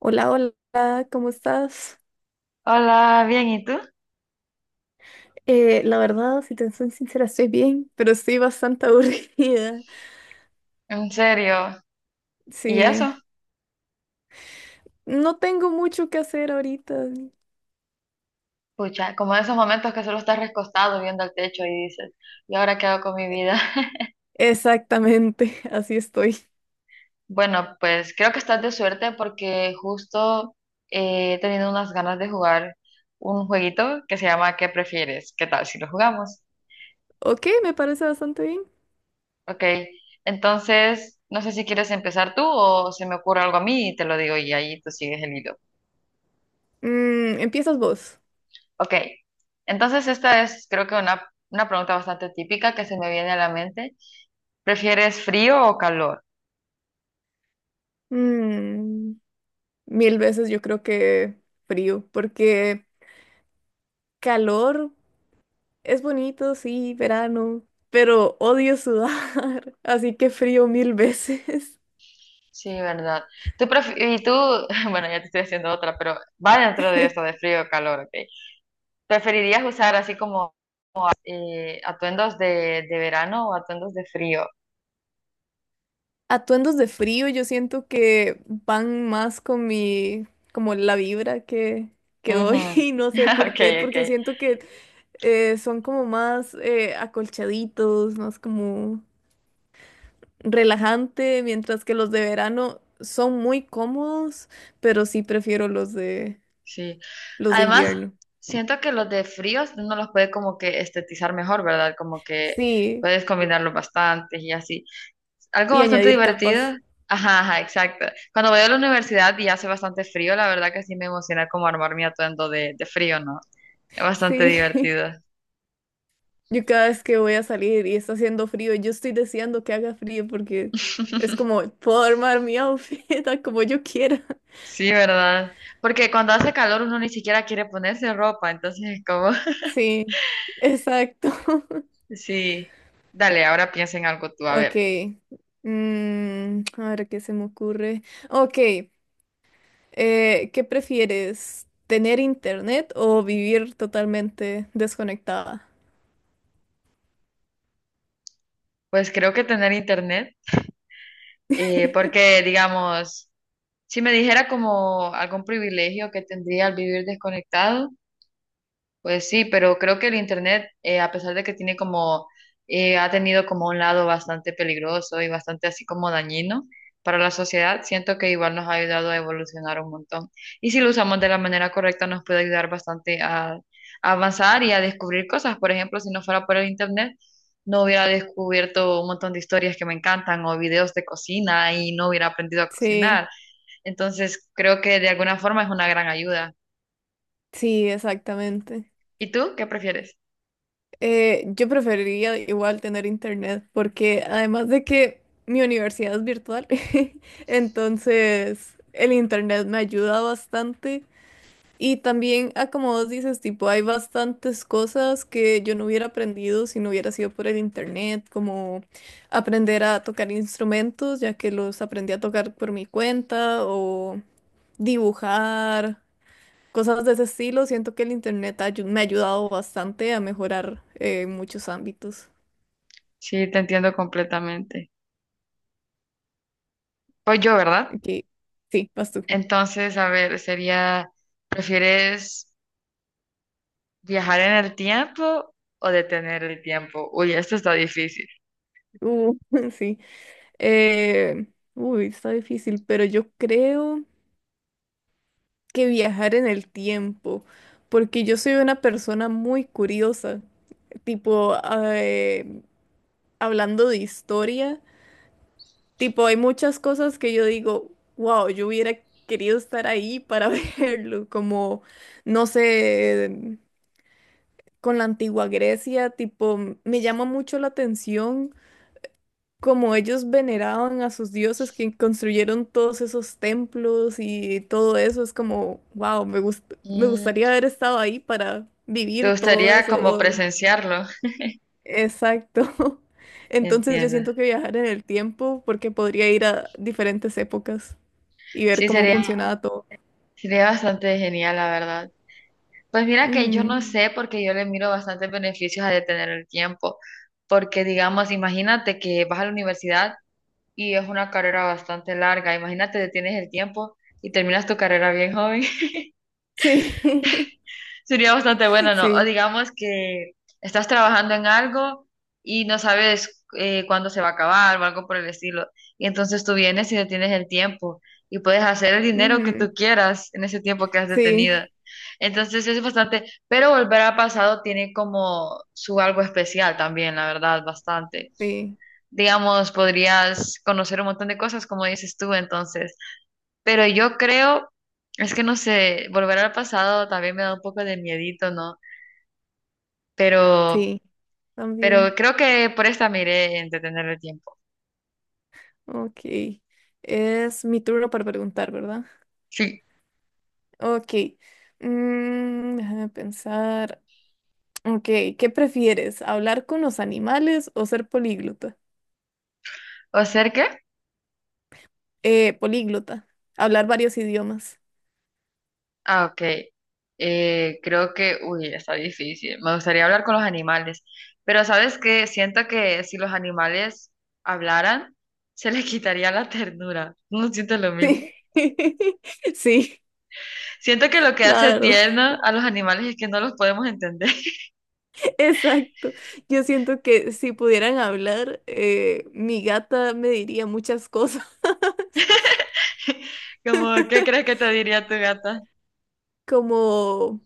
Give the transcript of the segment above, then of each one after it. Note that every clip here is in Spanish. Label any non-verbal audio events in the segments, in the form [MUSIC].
Hola, hola, ¿cómo estás? Hola, bien, ¿y tú? La verdad, si te soy sincera, estoy bien, pero estoy bastante [LAUGHS] aburrida. ¿En serio? ¿Y eso? Sí, no tengo mucho que hacer ahorita. Pucha, como esos momentos que solo estás recostado viendo al techo y dices, ¿y ahora qué hago con mi vida? [LAUGHS] Exactamente, [LAUGHS] así estoy. Bueno, pues creo que estás de suerte porque justo he tenido unas ganas de jugar un jueguito que se llama ¿Qué prefieres? ¿Qué tal si lo jugamos? Ok, me parece bastante bien. Ok, entonces no sé si quieres empezar tú o se me ocurre algo a mí y te lo digo y ahí tú sigues el hilo. Empiezas vos. Ok, entonces esta es creo que una pregunta bastante típica que se me viene a la mente. ¿Prefieres frío o calor? Mm, Mil veces yo creo que frío, porque calor es bonito, sí, verano, pero odio sudar, [LAUGHS] así que frío mil veces. Sí, verdad. Y tú, [LAUGHS] bueno, ya te estoy haciendo otra, pero va dentro de esto de frío o calor, ¿ok? ¿Preferirías usar así como atuendos de verano o atuendos de frío? Atuendos de frío, yo siento que van más con mi, como la vibra que doy [LAUGHS] Ujú. y no sé [LAUGHS] por Ok, qué, ok. porque siento que son como más acolchaditos, más como relajante, mientras que los de verano son muy cómodos, pero sí prefiero los de Sí. los de Además, invierno. siento que los de fríos uno los puede como que estetizar mejor, ¿verdad? Como que Sí, puedes combinarlos bastante y así. Algo y bastante añadir divertido. capas. Ajá, ajá, exacto. Cuando voy a la universidad y hace bastante frío, la verdad que sí me emociona como armar mi atuendo de frío, ¿no? Es bastante Sí. [LAUGHS] divertido. Yo cada vez que voy a salir y está haciendo frío, yo estoy deseando que haga frío porque es como [LAUGHS] puedo armar mi [LAUGHS] outfit a como yo quiera. Sí, ¿verdad? Porque cuando hace calor uno ni siquiera quiere ponerse ropa, entonces es como, [LAUGHS] Sí, exacto. [LAUGHS] sí, dale, ahora piensa en algo tú, a Ok. ver, A ver qué se me ocurre. Ok. ¿Qué prefieres? ¿Tener internet o vivir totalmente desconectada? pues creo que tener internet, [LAUGHS] porque digamos, si me dijera como algún privilegio que tendría al vivir desconectado, pues sí, pero creo que el internet, a pesar de que tiene como, ha tenido como un lado bastante peligroso y bastante así como dañino para la sociedad, siento que igual nos ha ayudado a evolucionar un montón. Y si lo usamos de la manera correcta, nos puede ayudar bastante a avanzar y a descubrir cosas. Por ejemplo, si no fuera por el internet, no hubiera descubierto un montón de historias que me encantan o videos de cocina y no hubiera aprendido a Sí, cocinar. Entonces, creo que de alguna forma es una gran ayuda. sí, exactamente. ¿Y tú qué prefieres? Yo preferiría igual tener internet porque además de que mi universidad es virtual, [LAUGHS] entonces el internet me ayuda bastante y también, ah, como vos dices, tipo, hay bastantes cosas que yo no hubiera aprendido si no hubiera sido por el internet, como aprender a tocar instrumentos, ya que los aprendí a tocar por mi cuenta o dibujar cosas de ese estilo. Siento que el internet me ha ayudado bastante a mejorar en muchos ámbitos. Sí, te entiendo completamente. Pues yo, ¿verdad? Aquí, sí, vas tú. Entonces, a ver, sería, ¿prefieres viajar en el tiempo o detener el tiempo? Uy, esto está difícil. Uh, [LAUGHS] sí. Eh, Uy, está difícil, pero yo creo que viajar en el tiempo, porque yo soy una persona muy curiosa. Tipo, eh, hablando de historia, tipo, hay muchas cosas que yo digo, wow, yo hubiera querido estar ahí para [LAUGHS] verlo, como, no sé, con la antigua Grecia, tipo, me llama mucho la atención cómo ellos veneraban a sus dioses que construyeron todos esos templos y todo eso. Es como, wow, me Mm, gustaría haber estado ahí para ¿te vivir todo gustaría eso. como presenciarlo? Exacto. [LAUGHS] Entonces yo Entiendo. siento que viajar en el tiempo porque podría ir a diferentes épocas y ver Sí, cómo sería, funcionaba todo. sería bastante genial, la verdad. Pues mira que yo Ujú. no sé porque yo le miro bastantes beneficios a detener el tiempo, porque digamos, imagínate que vas a la universidad. Y es una carrera bastante larga. Imagínate, detienes el tiempo y terminas tu carrera bien joven. [LAUGHS] Sí, Sería bastante [LAUGHS] bueno, ¿no? O sí, digamos que estás trabajando en algo y no sabes cuándo se va a acabar o algo por el estilo. Y entonces tú vienes y detienes el tiempo y puedes hacer el dinero que ujú. tú quieras en ese tiempo que has detenido. Sí, Entonces es bastante, pero volver al pasado tiene como su algo especial también, la verdad, bastante. sí, Digamos, podrías conocer un montón de cosas, como dices tú, entonces. Pero yo creo, es que no sé, volver al pasado también me da un poco de miedito, ¿no? Pero, sí, pero también. creo que por esta me iré en detener el tiempo. Ok. Es mi turno para preguntar, ¿verdad? Sí. Ok. Déjame pensar. Ok, ¿qué prefieres? ¿Hablar con los animales o ser políglota? ¿O ser qué? Políglota. Hablar varios idiomas. Ah, ok. Creo que, uy, está difícil. Me gustaría hablar con los animales. Pero ¿sabes qué? Siento que si los animales hablaran, se les quitaría la ternura. ¿No siento lo Sí. mismo? [LAUGHS] Sí, Siento que lo que la hace verdad. tierno a los animales es que no los podemos entender. [LAUGHS] Exacto. Yo siento que si pudieran hablar, mi gata me diría muchas cosas. [LAUGHS] [LAUGHS] Como, ¿qué crees que te diría tu gata? Como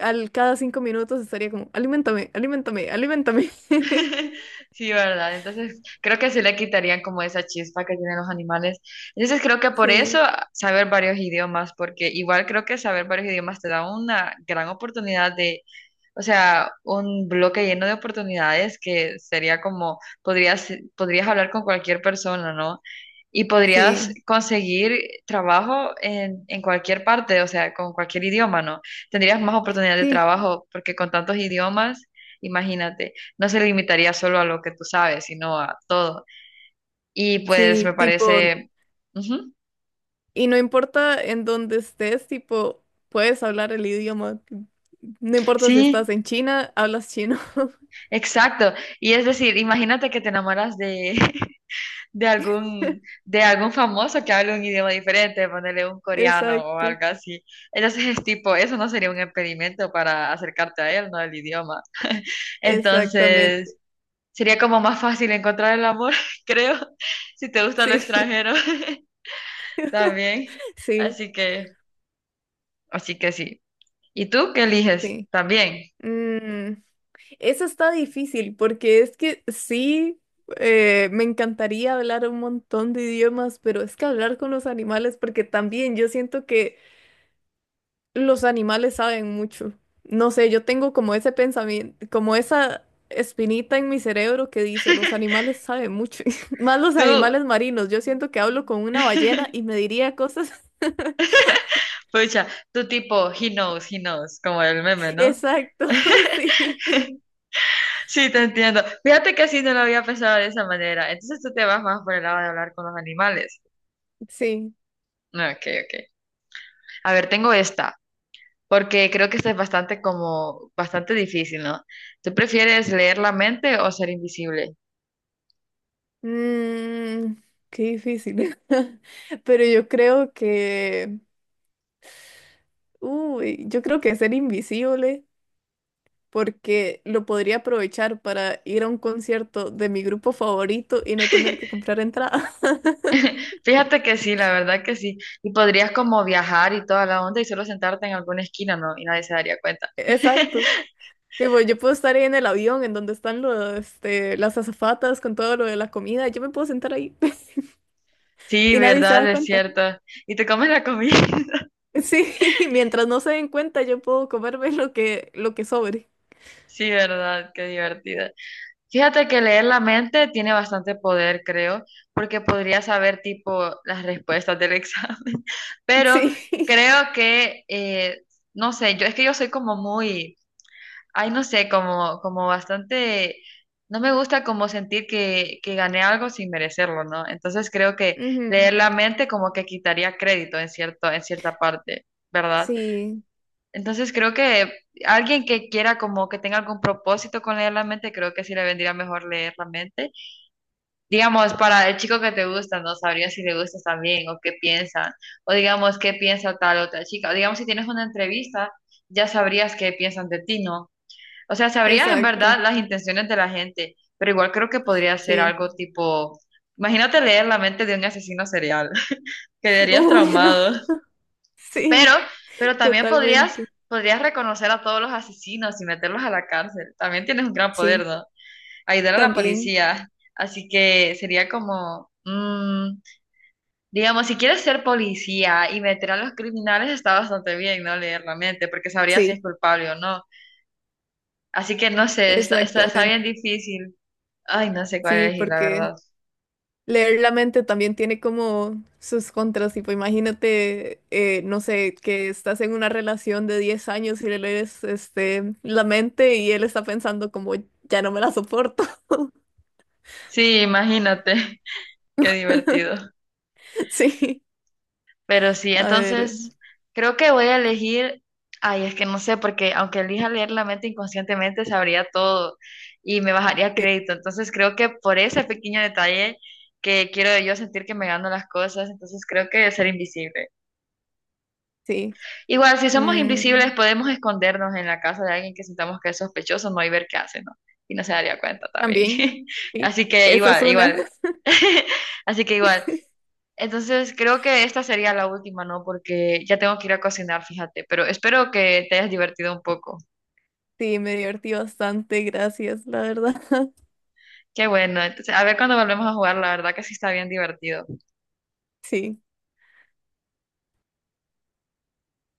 al cada 5 minutos estaría como, alimentame, alimentame, alimentame. [LAUGHS] [LAUGHS] Sí, ¿verdad? Entonces, creo que se le quitarían como esa chispa que tienen los animales. Entonces, creo que por eso Sí, saber varios idiomas, porque igual creo que saber varios idiomas te da una gran oportunidad de, o sea, un bloque lleno de oportunidades que sería como, podrías, podrías hablar con cualquier persona, ¿no? Y podrías sí, conseguir trabajo en cualquier parte, o sea, con cualquier idioma, ¿no? Tendrías más oportunidades de sí, trabajo porque con tantos idiomas, imagínate, no se limitaría solo a lo que tú sabes, sino a todo. Y pues me sí, tipo, parece... Ujú, y no importa en dónde estés, tipo, puedes hablar el idioma. No importa si estás sí, en China, hablas chino. [LAUGHS] exacto. Y es decir, imagínate que te enamoras de, [LAUGHS] de algún famoso que hable un idioma diferente, ponerle un coreano o Exacto, algo así. Entonces es tipo, eso no sería un impedimento para acercarte a él, ¿no? El idioma. [LAUGHS] exactamente. Entonces sería como más fácil encontrar el amor, [LAUGHS] creo, si te gusta lo Sí, extranjero [LAUGHS] también. [LAUGHS] sí, Así que, así que sí. ¿Y tú qué eliges? sí. También. Mm, Eso está difícil porque es que sí, me encantaría hablar un montón de idiomas, pero es que hablar con los animales, porque también yo siento que los animales saben mucho. No sé, yo tengo como ese pensamiento, como esa espinita en mi cerebro que dice, los animales saben mucho, [LAUGHS] más los Tú, animales marinos. Yo siento que hablo con una ballena y [LAUGHS] me diría cosas. [LAUGHS] pucha, tú tipo, he knows, como el meme, ¿no? Exacto, [LAUGHS] sí. Sí, te entiendo. Fíjate que así no lo había pensado de esa manera. Entonces tú te vas más por el lado de hablar con los animales. Sí. Ah, ok, ok. A ver, tengo esta, porque creo que esta es bastante como, bastante difícil, ¿no? ¿Tú prefieres leer la mente o ser invisible? Mm, Qué difícil. [LAUGHS] Pero yo creo que, uy, yo creo que ser invisible, porque lo podría aprovechar para ir a un concierto de mi grupo favorito y no tener que [LAUGHS] comprar entrada. [LAUGHS] Fíjate que sí, la verdad que sí. Y podrías como viajar y toda la onda y solo sentarte en alguna esquina, ¿no? Y nadie se daría cuenta. Exacto. [LAUGHS] Tipo, yo puedo estar ahí en el avión en donde están las azafatas con todo lo de la comida. Yo me puedo sentar ahí [LAUGHS] Sí, y nadie se verdad, da es cuenta. cierto. Y te comes la comida. [LAUGHS] Sí, [LAUGHS] mientras no se den cuenta, yo puedo comerme lo que sobre. Sí, verdad, qué divertido. Fíjate que leer la mente tiene bastante poder, creo, porque podría saber tipo las respuestas del examen, [LAUGHS] pero Sí. creo que, no sé, yo es que yo soy como muy, ay, no sé, como, como bastante, no me gusta como sentir que gané algo sin merecerlo, ¿no? Entonces creo que [LAUGHS] Ujú. leer la mente como que quitaría crédito en cierto, en cierta parte, ¿verdad? Sí, Entonces creo que alguien que quiera como que tenga algún propósito con leer la mente, creo que sí le vendría mejor leer la mente. Digamos, para el chico que te gusta, no sabría si le gustas también o qué piensan, o digamos qué piensa tal otra chica. O digamos, si tienes una entrevista, ya sabrías qué piensan de ti, ¿no? O sea, sabrías en verdad exacto. las intenciones de la gente, pero igual creo que podría ser Sí. algo tipo, imagínate leer la mente de un asesino serial, [LAUGHS] [LAUGHS] quedarías Uy, no. traumado. Pero, Sí, pero también podrías, totalmente. podrías reconocer a todos los asesinos y meterlos a la cárcel. También tienes un gran poder, Sí, ¿no? Ayudar a la también. policía. Así que sería como, mm, digamos, si quieres ser policía y meter a los criminales, está bastante bien, ¿no? Leer la mente, porque sabrías si es Sí, culpable o no. Así que no sé, está, está, está bien exactamente. difícil. Ay, no sé cuál Sí, elegir, la porque verdad. leer la mente también tiene como sus contras. Tipo, imagínate, no sé, que estás en una relación de 10 años y le lees la mente y él está pensando como, ya no me la soporto. [LAUGHS] Sí, imagínate, [LAUGHS] qué divertido. Sí, Pero sí, a ver, entonces creo que voy a elegir, ay, es que no sé, porque aunque elija leer la mente inconscientemente, sabría todo y me bajaría sí, crédito. Entonces creo que por ese pequeño detalle que quiero yo sentir que me gano las cosas, entonces creo que ser invisible. sí. Igual, si somos invisibles, Mm, podemos escondernos en la casa de alguien que sintamos que es sospechoso, no y ver qué hace, ¿no? Y no se daría cuenta también. También, [LAUGHS] sí. Así que Esa es igual, una. igual. [LAUGHS] [LAUGHS] Así que igual. Entonces creo que esta sería la última, ¿no? Porque ya tengo que ir a cocinar, fíjate, pero espero que te hayas divertido un poco. Sí, me divertí bastante, gracias, la verdad. [LAUGHS] Qué bueno, entonces a ver cuando volvemos a jugar, la verdad que sí está bien divertido. Sí.